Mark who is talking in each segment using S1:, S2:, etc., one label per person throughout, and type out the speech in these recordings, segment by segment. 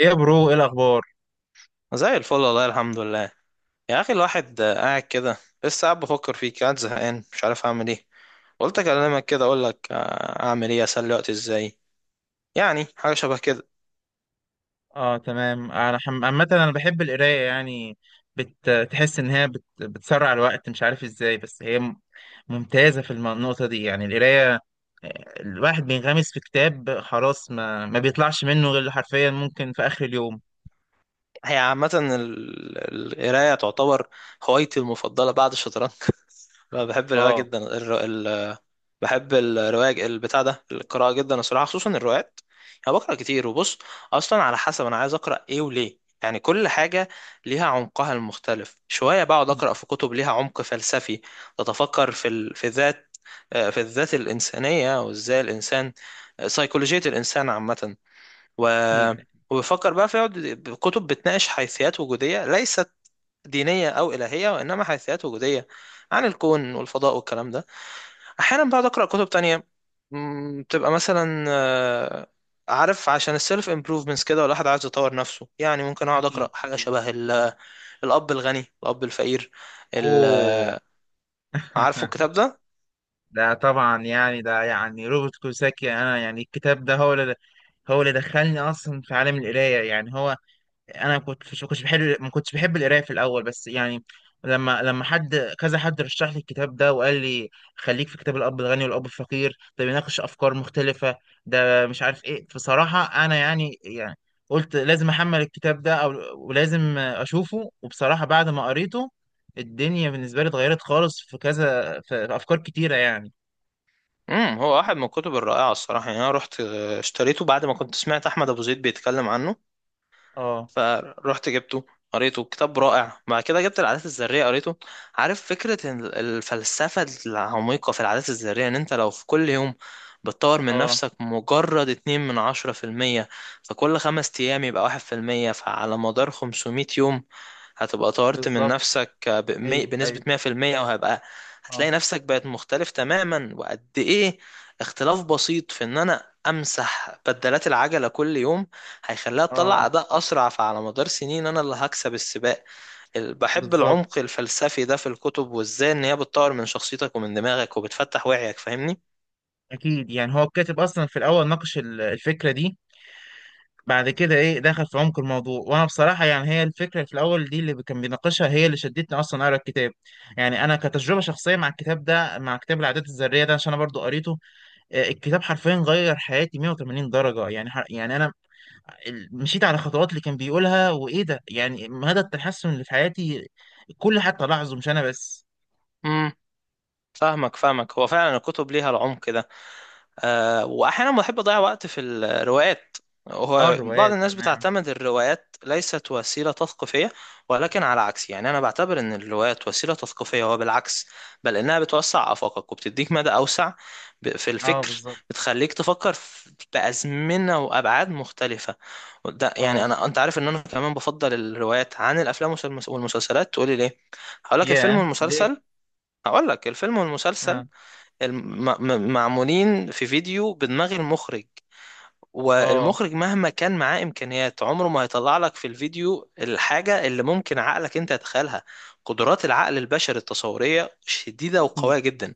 S1: ايه يا برو، ايه الاخبار؟
S2: زي الفل، والله الحمد لله. يا اخي الواحد قاعد كده. لسه قاعد بفكر فيك، قاعد زهقان مش عارف اعمل ايه. قلت اكلمك كده اقول لك، اعمل ايه اسلي وقتي ازاي. يعني حاجه شبه كده.
S1: اه تمام. عامه انا بحب القرايه، يعني بتحس ان هي بتسرع الوقت، مش عارف ازاي. ممتازه في النقطه دي، يعني القرايه. الواحد بينغمس في كتاب خلاص، ما بيطلعش منه غير حرفيا ممكن في اخر اليوم.
S2: هي عامه القرايه تعتبر هوايتي المفضله بعد الشطرنج. أنا بحب القرايه
S1: اه
S2: جدا. بحب الرواية، البتاع ده، القراءة جدا الصراحة، خصوصا الروايات. أنا بقرأ كتير، وبص أصلا على حسب أنا عايز أقرأ إيه وليه. يعني كل حاجة ليها عمقها المختلف شوية. بقعد أقرأ في كتب ليها عمق فلسفي، تتفكر في ذات آه، في الذات الإنسانية وإزاي الإنسان، سيكولوجية الإنسان عامة. و...
S1: اكيد
S2: وبفكر بقى في كتب بتناقش حيثيات وجودية ليست دينية أو إلهية، وإنما حيثيات وجودية عن الكون والفضاء والكلام ده. احيانا بقعد اقرا كتب تانية، بتبقى مثلا عارف، عشان السيلف امبروفمنتس كده، والواحد عايز يطور نفسه. يعني ممكن اقعد اقرا
S1: اكيد.
S2: حاجه
S1: اكيد.
S2: شبه الاب الغني الاب الفقير. ال-
S1: اوه.
S2: عارفه الكتاب ده؟
S1: ده طبعا، يعني ده يعني روبرت كوساكي. انا يعني الكتاب ده هو اللي، هو اللي دخلني اصلا في عالم القرايه. يعني هو انا كنت بحب، ما كنتش بحب القرايه في الاول، بس يعني لما حد كذا، حد رشح لي الكتاب ده وقال لي خليك في كتاب الاب الغني والاب الفقير ده، بيناقش افكار مختلفه، ده مش عارف ايه. بصراحه انا يعني قلت لازم احمل الكتاب ده او ولازم اشوفه. وبصراحه بعد ما قريته الدنيا بالنسبه لي اتغيرت خالص، في كذا، في افكار كتيره يعني.
S2: امم. هو واحد من الكتب الرائعه الصراحه. يعني انا رحت اشتريته بعد ما كنت سمعت احمد ابو زيد بيتكلم عنه،
S1: اه
S2: فروحت جبته قريته. كتاب رائع. بعد كده جبت العادات الذرية قريته. عارف فكرة إن الفلسفة العميقة في العادات الذرية، ان انت لو في كل يوم بتطور من
S1: اه
S2: نفسك مجرد 2 من 10 في المية، فكل 5 أيام يبقى 1 في المية، فعلى مدار 500 يوم هتبقى طورت من
S1: بالظبط.
S2: نفسك
S1: ايوه
S2: بنسبة
S1: ايوه.
S2: 100 في المية، وهبقى
S1: اه
S2: هتلاقي نفسك بقت مختلف تماما. وقد ايه اختلاف بسيط في ان انا امسح بدلات العجلة كل يوم هيخليها
S1: اه
S2: تطلع اداء اسرع، فعلى مدار سنين انا اللي هكسب السباق. بحب العمق
S1: بالظبط.
S2: الفلسفي ده في الكتب، وازاي ان هي بتطور من شخصيتك ومن دماغك وبتفتح وعيك، فاهمني؟
S1: اكيد يعني هو الكاتب اصلا في الاول ناقش الفكره دي، بعد كده ايه دخل في عمق الموضوع. وانا بصراحه يعني هي الفكره في الاول دي اللي كان بيناقشها هي اللي شدتني اصلا اقرا الكتاب. يعني انا كتجربه شخصيه مع الكتاب ده، مع كتاب العادات الذريه ده، عشان انا برضو قريته. الكتاب حرفيا غير حياتي 180 درجه. يعني يعني انا مشيت على الخطوات اللي كان بيقولها، وايه ده يعني مدى التحسن اللي في حياتي، الكل حتى لاحظه مش انا بس.
S2: امم. فاهمك فاهمك. هو فعلا الكتب ليها العمق ده. واحيانا بحب اضيع وقت في الروايات.
S1: اه
S2: هو بعض
S1: الروايات
S2: الناس
S1: تمام.
S2: بتعتمد الروايات ليست وسيلة تثقيفية، ولكن على عكس، يعني أنا بعتبر إن الروايات وسيلة تثقيفية. هو بالعكس، بل إنها بتوسع آفاقك وبتديك مدى أوسع في
S1: اه
S2: الفكر.
S1: بالظبط.
S2: بتخليك تفكر بأزمنة وأبعاد مختلفة. ده يعني
S1: اه.
S2: أنا، أنت عارف إن أنا كمان بفضل الروايات عن الأفلام والمسلسلات، تقولي ليه؟ هقول لك. الفيلم
S1: ياه ليه؟
S2: والمسلسل، هقول لك الفيلم والمسلسل
S1: اه
S2: معمولين في فيديو بدماغ المخرج،
S1: اه
S2: والمخرج مهما كان معاه إمكانيات عمره ما هيطلع لك في الفيديو الحاجة اللي ممكن عقلك أنت يتخيلها. قدرات العقل البشري التصورية شديدة وقوية جدا.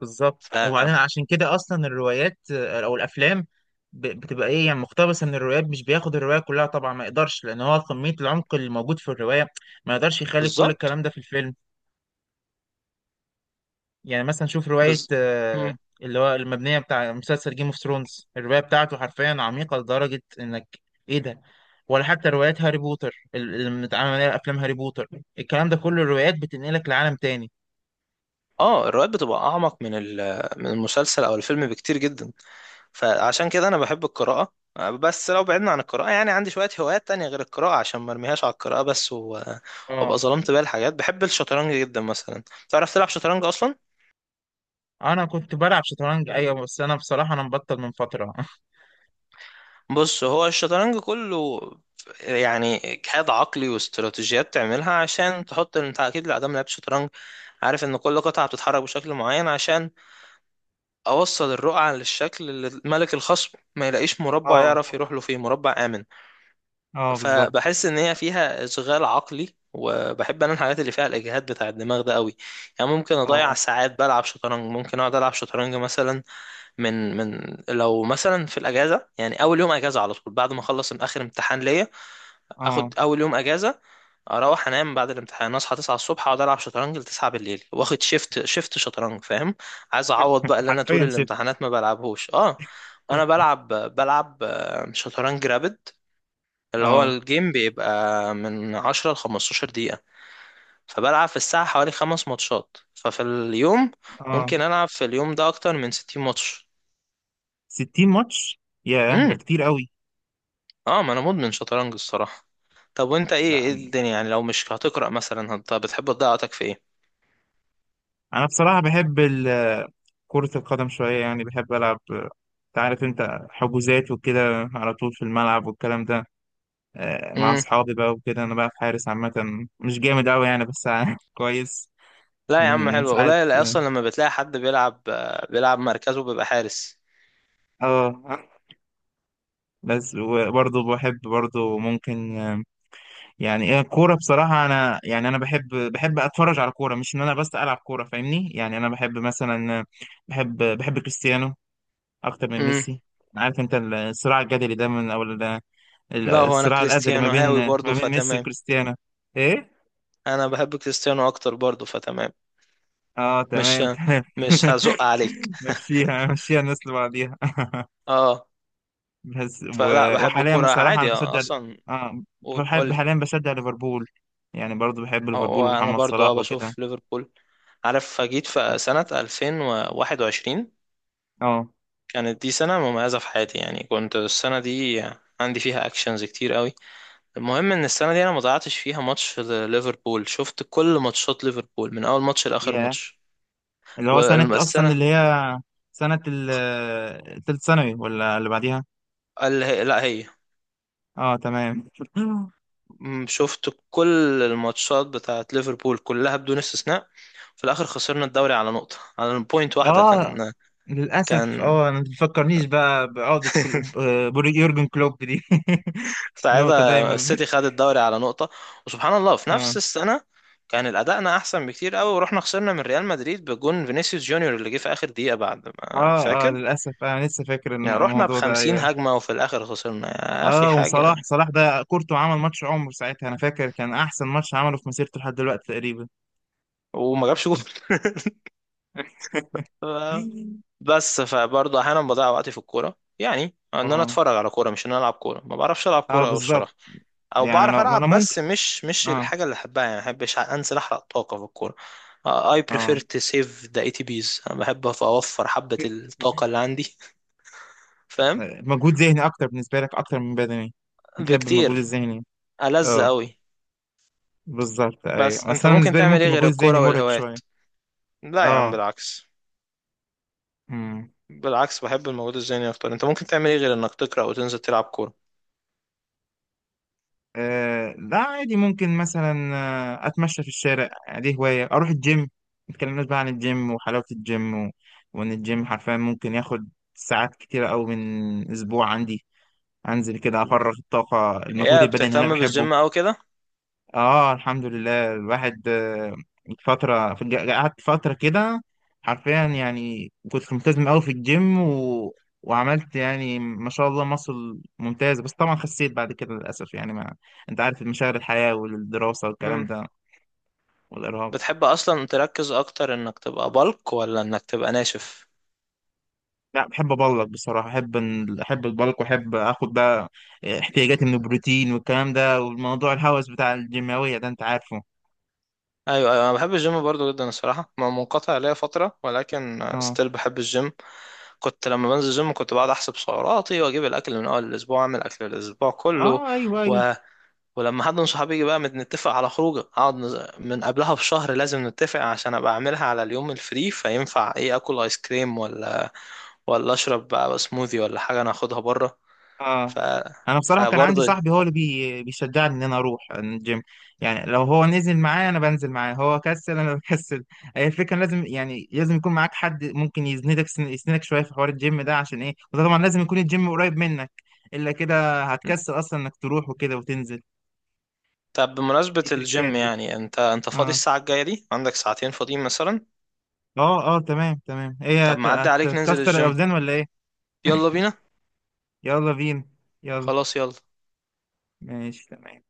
S1: بالظبط. وبعدين عشان كده اصلا الروايات او الافلام بتبقى ايه يعني مقتبسه من الروايات، مش بياخد الروايه كلها طبعا، ما يقدرش، لان هو كميه العمق اللي موجود في الروايه ما يقدرش يخلي كل
S2: فبالظبط.
S1: الكلام ده في الفيلم. يعني مثلا شوف روايه
S2: بز... مم.
S1: اللي هو المبنيه بتاع مسلسل جيم اوف ثرونز، الروايه بتاعته حرفيا عميقه لدرجه انك، ايه ده، ولا حتى روايات هاري بوتر اللي متعامل عليها افلام هاري بوتر. الكلام ده كله، الروايات بتنقلك لعالم تاني.
S2: اه، الروايات بتبقى أعمق من المسلسل أو الفيلم بكتير جدا. فعشان كده انا بحب القراءة. بس لو بعدنا عن القراءة، يعني عندي شوية هوايات تانية غير القراءة، عشان ما ارميهاش على القراءة بس وابقى
S1: اه
S2: ظلمت بقى الحاجات. بحب الشطرنج جدا مثلا. تعرف تلعب شطرنج اصلا؟
S1: انا كنت بلعب شطرنج، ايوه، بس انا بصراحه انا مبطل من فتره.
S2: بص، هو الشطرنج كله يعني اجهاد عقلي واستراتيجيات تعملها عشان تحط انت، اكيد لا دام لعبت شطرنج عارف ان كل قطعة بتتحرك بشكل معين، عشان اوصل الرقعة للشكل اللي ملك الخصم ما يلاقيش مربع
S1: اه
S2: يعرف يروح له فيه، مربع آمن.
S1: اه بالظبط.
S2: فبحس ان هي فيها اشغال عقلي، وبحب انا الحاجات اللي فيها الاجهاد بتاع الدماغ ده قوي. يعني ممكن اضيع
S1: اه
S2: ساعات بلعب شطرنج. ممكن اقعد العب شطرنج مثلا من لو مثلا في الاجازه. يعني اول يوم اجازه على طول بعد ما اخلص من اخر امتحان ليا،
S1: اه
S2: اخد اول يوم اجازه اروح انام بعد الامتحان، اصحى 9 الصبح اقعد العب شطرنج ل 9 بالليل، واخد شيفت شيفت شطرنج، فاهم؟ عايز اعوض بقى اللي انا طول
S1: حرفيا شفت.
S2: الامتحانات ما بلعبهوش. اه، انا بلعب شطرنج رابد، اللي هو
S1: اه
S2: الجيم بيبقى من 10 ل15 دقيقة. فبلعب في الساعة حوالي 5 ماتشات، ففي اليوم
S1: اه،
S2: ممكن ألعب في اليوم ده أكتر من 60 ماتش.
S1: 60 ماتش؟ ياه، ده
S2: امم.
S1: كتير قوي.
S2: اه، ما أنا مدمن شطرنج الصراحة. طب وأنت، إيه
S1: لا
S2: الدنيا؟ يعني لو مش هتقرأ مثلا، بتحب تضيع وقتك في إيه؟
S1: انا بصراحة بحب كرة القدم شوية، يعني بحب ألعب، انت عارف، انت حجوزات وكده على طول في الملعب والكلام ده، مع
S2: امم.
S1: اصحابي بقى وكده. انا بقى حارس عامة، مش جامد قوي يعني بس كويس.
S2: لا يا عم،
S1: من
S2: حلو،
S1: ساعة.
S2: قليل أصلا لما بتلاقي حد بيلعب، بيلعب مركزه بيبقى حارس.
S1: اه بس وبرضه بحب ممكن يعني ايه الكوره. بصراحه انا، يعني انا بحب اتفرج على كوره، مش ان انا بس العب كوره فاهمني. يعني انا بحب مثلا، بحب كريستيانو اكتر من
S2: امم.
S1: ميسي، عارف انت، الصراع الجدلي ده من او
S2: لا، هو أنا
S1: الصراع الازلي ما
S2: كريستيانو
S1: بين
S2: هاوي برضه،
S1: ما بين ميسي
S2: فتمام.
S1: وكريستيانو، ايه.
S2: أنا بحب كريستيانو أكتر برضه، فتمام.
S1: اه
S2: مش
S1: تمام تمام.
S2: مش هزق عليك.
S1: مشيها مشيها، الناس لبعضيها.
S2: اه.
S1: بس
S2: فلا، بحب
S1: وحاليا
S2: الكوره
S1: بصراحه انا
S2: عادي،
S1: بشجع،
S2: اصلا.
S1: اه
S2: قول قول
S1: بحب،
S2: لي.
S1: حاليا بشجع ليفربول، يعني برضو بحب ليفربول
S2: وانا
S1: ومحمد
S2: برضو اه
S1: صلاح وكده.
S2: بشوف ليفربول. عارف جيت في سنة 2021،
S1: اه
S2: كانت دي سنة مميزة في حياتي. يعني كنت السنة دي عندي فيها اكشنز كتير قوي. المهم ان السنة دي انا ما ضيعتش فيها ماتش ليفربول، شفت كل ماتشات ليفربول من اول ماتش لاخر
S1: يا،
S2: ماتش.
S1: اللي هو سنة أصلا
S2: والسنة
S1: اللي هي سنة التالت ثانوي ولا اللي بعديها.
S2: اللي هي، لا هي،
S1: اه تمام.
S2: شفت كل الماتشات بتاعت ليفربول كلها بدون استثناء. في الاخر خسرنا الدوري على نقطة، على بوينت واحدة،
S1: اه
S2: كان
S1: للأسف.
S2: كان
S1: اه ما تفكرنيش بقى بعودة كل... يورجن كلوب دي. نقطة
S2: ساعتها
S1: دايما.
S2: السيتي خد الدوري على نقطة. وسبحان الله في
S1: اه
S2: نفس السنة كان الأداءنا أحسن بكتير قوي، ورحنا خسرنا من ريال مدريد بجون فينيسيوس جونيور اللي جه في آخر دقيقة بعد ما
S1: اه. اه
S2: فاكر.
S1: للأسف أنا لسه فاكر
S2: يعني رحنا
S1: الموضوع ده،
S2: بخمسين
S1: أيوه.
S2: هجمة وفي الآخر خسرنا، يا أخي
S1: اه
S2: حاجة،
S1: وصلاح، صلاح ده كورته عمل ماتش عمره ساعتها، أنا فاكر كان أحسن ماتش عمله في مسيرته لحد دلوقتي تقريبا.
S2: وما جابش جول. ف- بس فبرضه أحيانا بضيع وقتي في الكورة، يعني إن أنا
S1: اه
S2: أتفرج على كورة مش إن أنا ألعب كورة. ما بعرفش ألعب
S1: اه
S2: كورة أوي
S1: بالظبط.
S2: الصراحة. او
S1: يعني
S2: بعرف
S1: أنا
S2: العب
S1: ممكن.
S2: بس مش
S1: اه
S2: الحاجه اللي احبها. يعني ما بحبش انزل احرق طاقه في الكوره. I prefer
S1: اه
S2: to save the ATPs. انا بحب اوفر حبه الطاقه اللي عندي. فاهم؟
S1: مجهود ذهني اكتر بالنسبه لك، اكتر من بدني؟ بتحب المجهود
S2: بكتير.
S1: الذهني؟
S2: ألذ
S1: اه
S2: قوي.
S1: بالظبط،
S2: بس
S1: ايوه. بس
S2: انت
S1: انا
S2: ممكن
S1: بالنسبه لي
S2: تعمل
S1: ممكن
S2: ايه غير
S1: المجهود الذهني
S2: الكوره
S1: مرهق شويه.
S2: والهوايات؟ لا يا عم
S1: اه
S2: بالعكس.
S1: امم.
S2: بالعكس، بحب المجهود الذهني اكتر. انت ممكن تعمل ايه غير انك تقرا وتنزل تلعب كوره؟
S1: آه لا عادي، ممكن مثلا اتمشى في الشارع، دي هوايه. اروح الجيم، ما اتكلمناش بقى عن الجيم وحلاوه الجيم و... وان الجيم حرفيا ممكن ياخد ساعات كتيره قوي من اسبوع عندي. انزل كده افرغ الطاقه، المجهود
S2: يا
S1: البدني اللي انا
S2: بتهتم
S1: بحبه.
S2: بالجيم او كده؟
S1: اه الحمد لله، الواحد فترة في قعدت فترة كده حرفيا، يعني كنت ملتزم قوي في الجيم و... وعملت يعني ما شاء الله مصل ممتاز، بس طبعا خسيت بعد كده للأسف، يعني ما، انت عارف مشاغل الحياة والدراسة والكلام
S2: مم.
S1: ده والإرهاق.
S2: بتحب اصلا تركز اكتر انك تبقى بلك ولا انك تبقى ناشف؟
S1: لا بحب أبلك بصراحة. أحب البلك وأحب آخد بقى احتياجاتي من البروتين والكلام ده، والموضوع الهوس بتاع الجيماوية ده أنت عارفه.
S2: ايوه، ايوه، انا بحب الجيم برضو جدا الصراحه. ما منقطع ليا فتره، ولكن
S1: اه
S2: ستيل بحب الجيم. كنت لما بنزل الجيم كنت بقعد احسب سعراتي واجيب الاكل من اول الاسبوع، اعمل اكل الاسبوع كله،
S1: اه ايوه ايوه.
S2: و... ولما حد من صحابي يجي بقى نتفق على خروجه، اقعد من قبلها بشهر لازم نتفق، عشان ابقى اعملها على اليوم الفري، فينفع ايه، اكل ايس كريم، ولا ولا اشرب بقى سموذي، ولا حاجه انا اخدها بره. ف
S1: اه انا بصراحه كان عندي
S2: فبرضه،
S1: صاحبي هو اللي بيشجعني ان انا اروح الجيم. يعني لو هو نزل معايا انا بنزل معاه، هو كسل انا بكسل. هي الفكره لازم، يعني لازم يكون معاك حد ممكن يسندك، يسندك شويه في حوار الجيم ده، عشان ايه؟ وده طبعا لازم يكون الجيم قريب منك، الا كده هتكسل اصلا انك تروح وكده وتنزل.
S2: طب بمناسبة
S1: دي تريكات
S2: الجيم،
S1: دي.
S2: يعني انت، فاضي
S1: اه
S2: الساعة الجاية دي؟ عندك ساعتين فاضيين مثلا؟
S1: اه اه تمام تمام.
S2: طب معدي عليك ننزل
S1: هتكسر
S2: الجيم؟
S1: الاوزان ولا ايه؟
S2: يلا بينا.
S1: يلا بينا. يلا.
S2: خلاص يلا.
S1: ماشي تمام.